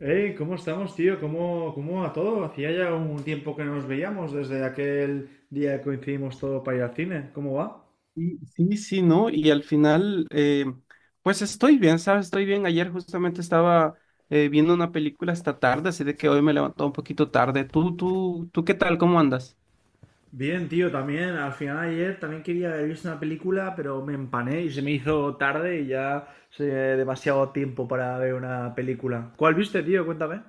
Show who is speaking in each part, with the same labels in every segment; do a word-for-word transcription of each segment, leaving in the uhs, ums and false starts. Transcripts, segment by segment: Speaker 1: Hey, ¿cómo estamos, tío? ¿Cómo, cómo va todo? Hacía ya un tiempo que no nos veíamos desde aquel día que coincidimos todo para ir al cine. ¿Cómo va?
Speaker 2: Sí, sí, sí, ¿no? Y al final, eh, pues estoy bien, ¿sabes? Estoy bien. Ayer justamente estaba eh, viendo una película hasta tarde, así de que hoy me levantó un poquito tarde. ¿Tú, tú, tú qué tal? ¿Cómo andas?
Speaker 1: Bien, tío, también. Al final ayer también quería haber visto una película, pero me empané y se me hizo tarde y ya sé demasiado tiempo para ver una película. ¿Cuál viste, tío? Cuéntame.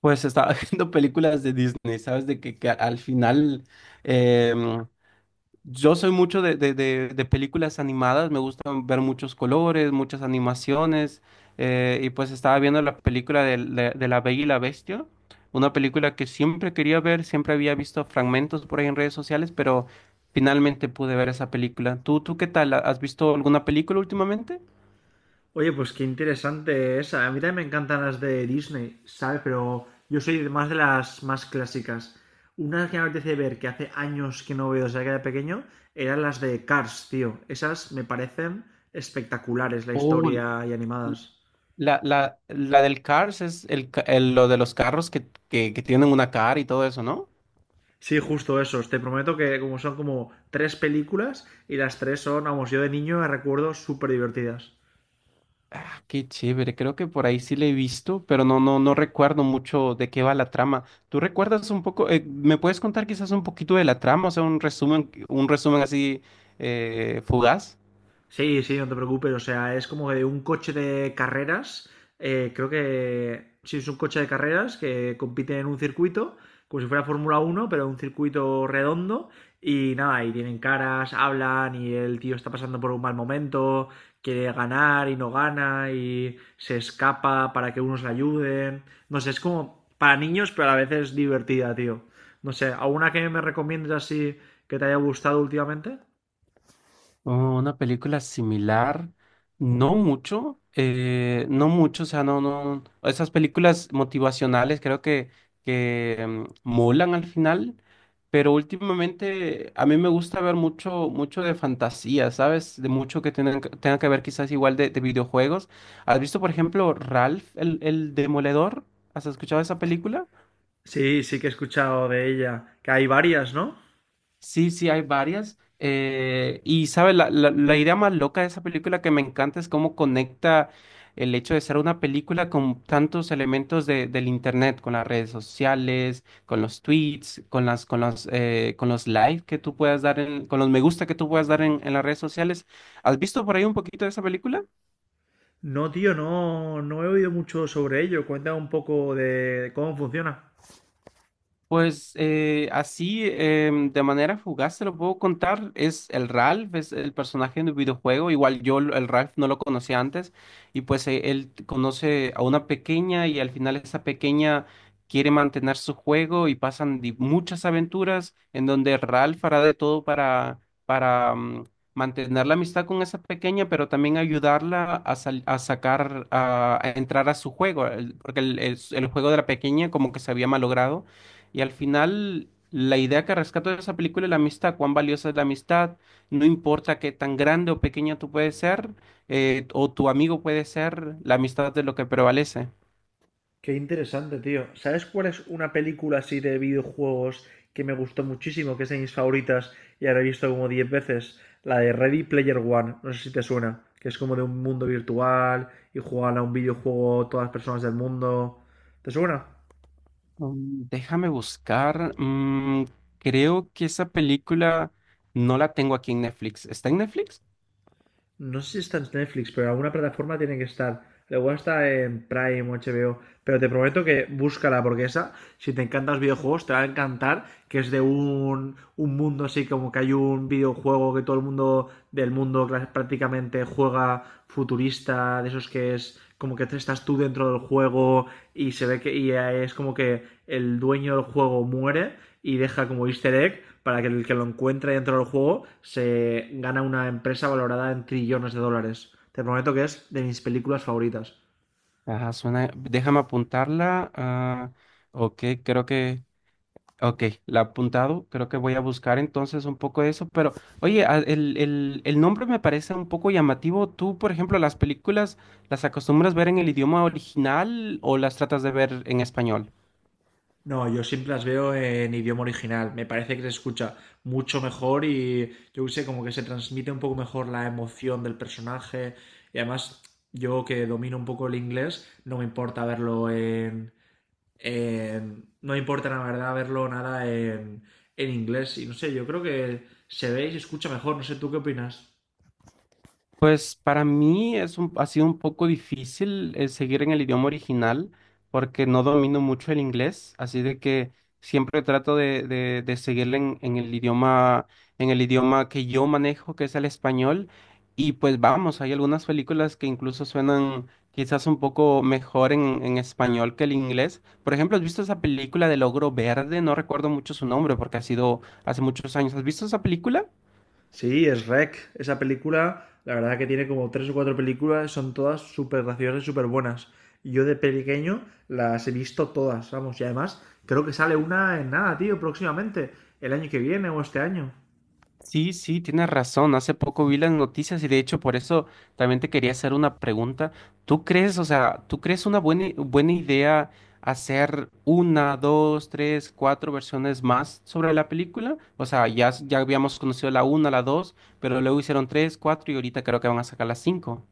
Speaker 2: Pues estaba viendo películas de Disney, ¿sabes? De que, que al final, em, yo soy mucho de, de- de- de películas animadas, me gustan ver muchos colores, muchas animaciones, eh, y pues estaba viendo la película del- de, de, La Bella y la Bestia, una película que siempre quería ver, siempre había visto fragmentos por ahí en redes sociales, pero finalmente pude ver esa película. ¿Tú, tú qué tal? ¿Has visto alguna película últimamente?
Speaker 1: Oye, pues qué interesante esa. A mí también me encantan las de Disney, ¿sabes? Pero yo soy de más de las más clásicas. Una que me apetece ver, que hace años que no veo desde que era pequeño, eran las de Cars, tío. Esas me parecen espectaculares, la
Speaker 2: Oh, l-
Speaker 1: historia y
Speaker 2: l-
Speaker 1: animadas.
Speaker 2: La, la, la del Cars es el, ca- el- lo de los carros que, que, que tienen una cara y todo eso, ¿no?
Speaker 1: Sí, justo esos. Te prometo que como son como tres películas y las tres son, vamos, yo de niño me recuerdo súper divertidas.
Speaker 2: Ah, qué chévere, creo que por ahí sí le he visto, pero no, no, no recuerdo mucho de qué va la trama. ¿Tú recuerdas un poco, eh, me puedes contar quizás un poquito de la trama, o sea, un resumen, un resumen así eh, fugaz?
Speaker 1: Sí, sí, no te preocupes. O sea, es como de un coche de carreras. Eh, creo que sí, es un coche de carreras que compite en un circuito, como si fuera Fórmula Uno, pero un circuito redondo. Y nada, y tienen caras, hablan, y el tío está pasando por un mal momento, quiere ganar y no gana, y se escapa para que unos le ayuden. No sé, es como para niños, pero a la vez es divertida, tío. No sé, ¿alguna que me recomiendes así que te haya gustado últimamente?
Speaker 2: Oh, una película similar, no mucho, eh, no mucho, o sea, no, no, esas películas motivacionales creo que, que mm, molan al final, pero últimamente a mí me gusta ver mucho, mucho de fantasía, ¿sabes? De mucho que tenga, tenga que ver quizás igual de, de videojuegos. ¿Has visto, por ejemplo, Ralph, el, el Demoledor? ¿Has escuchado esa película?
Speaker 1: Sí, sí que he escuchado de ella, que hay varias, ¿no?
Speaker 2: Sí, sí, hay varias. Eh, y, ¿sabes? La, la, la idea más loca de esa película que me encanta es cómo conecta el hecho de ser una película con tantos elementos de, del internet, con las redes sociales, con los tweets, con las, con las, eh, con los likes que tú puedas dar, en- con los me gusta que tú puedas dar en, en las redes sociales. ¿Has visto por ahí un poquito de esa película?
Speaker 1: No, tío, no, no he oído mucho sobre ello. Cuéntame un poco de cómo funciona.
Speaker 2: Pues eh, así, em, de manera fugaz, se lo puedo contar. Es el Ralph, es el personaje del videojuego. Igual yo el Ralph no lo conocía antes. Y pues eh, él conoce a una pequeña y al final esa pequeña quiere mantener su juego y pasan di- muchas aventuras en donde Ralph hará de todo para, para mm, mantener la amistad con esa pequeña, pero también ayudarla a, sal- a sacar, a, a entrar a su juego. el- Porque el el- el juego de la pequeña como que se había malogrado. Y al final, la idea que rescato de esa película es la amistad, cuán valiosa es la amistad, no importa qué tan grande o pequeña tú puedes ser, eh, o tu amigo puede ser, la amistad es lo que prevalece.
Speaker 1: Qué interesante, tío. ¿Sabes cuál es una película así de videojuegos que me gustó muchísimo, que es de mis favoritas y ahora he visto como diez veces? La de Ready Player One, no sé si te suena, que es como de un mundo virtual y juegan a un videojuego todas las personas del mundo. ¿Te suena?
Speaker 2: Mm. Déjame buscar, mm, creo que esa película no la tengo aquí en Netflix. ¿Está en Netflix?
Speaker 1: No sé si está en Netflix, pero en alguna plataforma tiene que estar. Luego está en Prime o H B O, pero te prometo que búscala porque esa, si te encantan los videojuegos, te va a encantar, que es de un, un, mundo así como que hay un videojuego que todo el mundo del mundo prácticamente juega futurista, de esos que es como que estás tú dentro del juego y se ve que y es como que el dueño del juego muere y deja como easter egg para que el que lo encuentre dentro del juego se gana una empresa valorada en trillones de dólares. Te prometo que es de mis películas favoritas.
Speaker 2: Ajá, suena, déjame apuntarla. Ah, ok, creo que Ok, la he apuntado. Creo que voy a buscar entonces un poco de eso. Pero, oye, a- el, el, el nombre me parece un poco llamativo. ¿Tú, por ejemplo, las películas las acostumbras ver en el idioma original o las tratas de ver en español?
Speaker 1: No, yo siempre las veo en idioma original. Me parece que se escucha mucho mejor y yo qué sé, como que se transmite un poco mejor la emoción del personaje. Y además, yo que domino un poco el inglés, no me importa verlo en... en- No me importa la verdad verlo nada en, en inglés. Y no sé, yo creo que se ve y se escucha mejor. No sé, ¿tú qué opinas?
Speaker 2: Pues para mí es un- ha sido un poco difícil eh, seguir en el idioma original porque no domino mucho el inglés, así de que siempre trato de, de, de seguirle en, en el idioma, en el idioma que yo manejo, que es el español. Y pues vamos, hay algunas películas que incluso suenan quizás un poco mejor en, en español que el inglés. Por ejemplo, ¿has visto esa película del Ogro Verde? No recuerdo mucho su nombre porque ha sido hace muchos años. ¿Has visto esa película?
Speaker 1: Sí, es Rec. Esa película, la verdad que tiene como tres o cuatro películas, son todas súper graciosas y súper buenas. Yo de pequeño las he visto todas, vamos, y además creo que sale una en nada, tío, próximamente, el año que viene o este año.
Speaker 2: Sí, sí, tienes razón. Hace poco vi las noticias y de hecho por eso también te quería hacer una pregunta. ¿Tú crees, o sea, tú crees una buena, i- buena idea hacer una, dos, tres, cuatro versiones más sobre la película? O sea, ya, s- ya habíamos conocido la una, la dos, pero luego hicieron tres, cuatro y ahorita creo que van a sacar las cinco.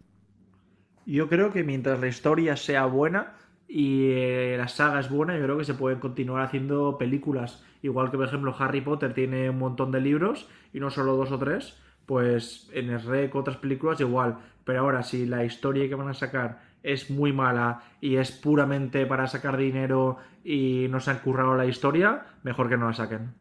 Speaker 1: Yo creo que mientras la historia sea buena y eh, la saga es buena, yo creo que se pueden continuar haciendo películas. Igual que, por ejemplo, Harry Potter tiene un montón de libros y no solo dos o tres, pues en el R E C otras películas igual. Pero ahora, si la historia que van a sacar es muy mala y es puramente para sacar dinero y no se han currado la historia, mejor que no la saquen.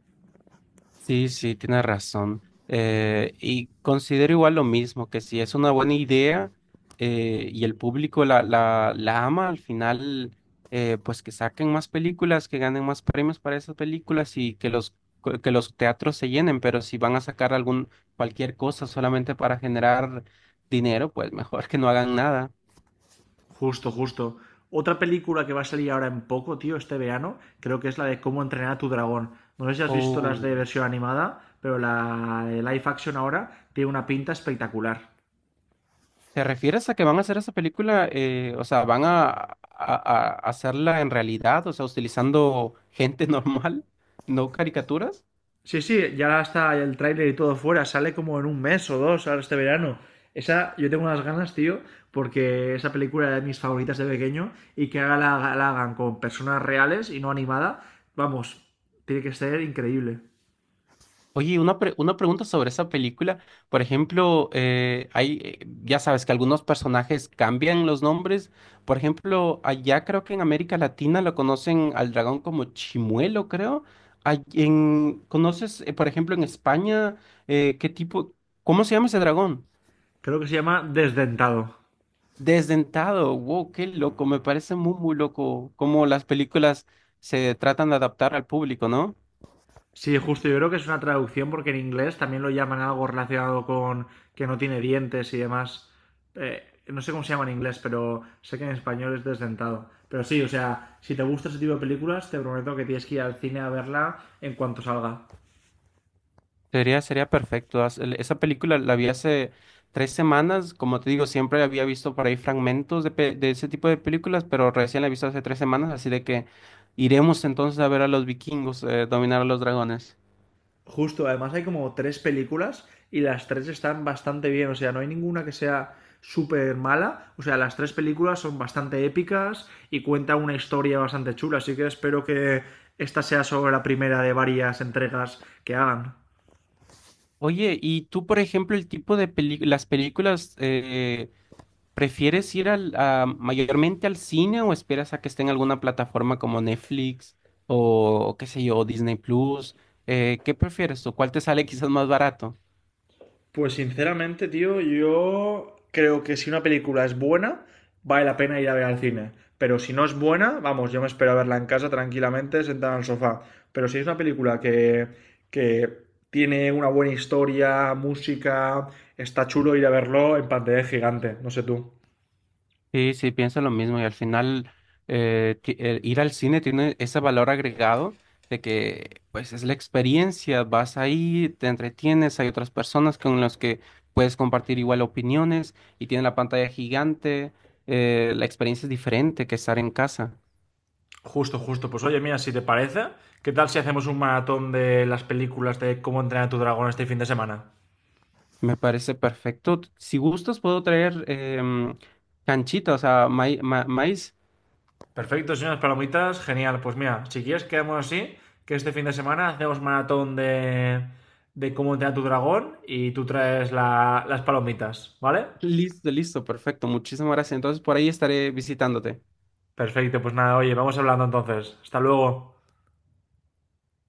Speaker 2: Sí, sí, tienes razón. Eh, y considero igual lo mismo, que si es una buena idea eh, y el público la, la, la ama, al final, eh, pues que saquen más películas, que ganen más premios para esas películas y que los, co- que los teatros se llenen, pero si van a sacar algún, cualquier cosa solamente para generar dinero, pues mejor que no hagan nada.
Speaker 1: Justo, justo. Otra película que va a salir ahora en poco, tío, este verano, creo que es la de Cómo entrenar a tu dragón. No sé si has visto las de versión animada, pero la de live action ahora tiene una pinta espectacular.
Speaker 2: ¿Te refieres a que van a hacer esa película? Eh, o sea, ¿van a, a- a hacerla en realidad? O sea, utilizando gente normal, no caricaturas.
Speaker 1: Sí, sí, ya está el tráiler y todo fuera, sale como en un mes o dos ahora este verano. Esa, yo tengo unas ganas, tío, porque esa película era de mis favoritas de pequeño y que haga la, la hagan con personas reales y no animada, vamos, tiene que ser increíble.
Speaker 2: Oye, una, pre- una pregunta sobre esa película. Por ejemplo, eh, hay, eh, ya sabes que algunos personajes cambian los nombres. Por ejemplo, allá creo que en América Latina lo conocen al dragón como Chimuelo, creo. Ay- en- ¿conoces, eh, por ejemplo, en España, eh, qué tipo, cómo se llama ese dragón?
Speaker 1: Creo que se llama Desdentado.
Speaker 2: Desdentado, wow, qué loco, me parece muy, muy loco cómo las películas se tratan de adaptar al público, ¿no?
Speaker 1: Sí, justo, yo creo que es una traducción porque en inglés también lo llaman algo relacionado con que no tiene dientes y demás. Eh, no sé cómo se llama en inglés, pero sé que en español es desdentado. Pero sí, o sea, si te gusta ese tipo de películas, te prometo que tienes que ir al cine a verla en cuanto salga.
Speaker 2: Sería, sería perfecto. Haz- el- Esa película la vi hace tres semanas, como te digo, siempre había visto por ahí fragmentos de, pe- de ese tipo de películas, pero recién la he visto hace tres semanas, así de que iremos entonces a ver a los vikingos eh, dominar a los dragones.
Speaker 1: Justo, además hay como tres películas y las tres están bastante bien, o sea, no hay ninguna que sea súper mala, o sea, las tres películas son bastante épicas y cuentan una historia bastante chula, así que espero que esta sea solo la primera de varias entregas que hagan.
Speaker 2: Oye, ¿y tú, por ejemplo, el tipo de peli- las películas, eh, prefieres ir al, a- mayormente al cine o esperas a que esté en alguna plataforma como Netflix o qué sé yo, Disney Plus? Eh, ¿qué prefieres tú? ¿Cuál te sale quizás más barato?
Speaker 1: Pues sinceramente, tío, yo creo que si una película es buena, vale la pena ir a ver al cine. Pero si no es buena, vamos, yo me espero a verla en casa tranquilamente, sentada en el sofá. Pero si es una película que, que tiene una buena historia, música, está chulo ir a verlo en pantalla gigante, no sé tú.
Speaker 2: Sí, sí, pienso lo mismo y al final eh, ti- eh, ir al cine tiene ese valor agregado de que pues es la experiencia, vas ahí, te entretienes, hay otras personas con las que puedes compartir igual opiniones y tienen la pantalla gigante, eh, la experiencia es diferente que estar en casa.
Speaker 1: Justo, justo. Pues oye, mira, si te parece, ¿qué tal si hacemos un maratón de las películas de cómo entrenar a tu dragón este fin de semana?
Speaker 2: Me parece perfecto. Si gustas, puedo traer em, canchita, o sea, mai- ma- maíz.
Speaker 1: Perfecto, señores palomitas, genial. Pues mira, si quieres quedamos así, que este fin de semana hacemos maratón de, de, cómo entrenar tu dragón y tú traes la- las palomitas, ¿vale?
Speaker 2: Listo, listo, perfecto. Muchísimas gracias. Entonces, por ahí estaré visitándote.
Speaker 1: Perfecto, pues nada, oye, vamos hablando entonces. Hasta luego.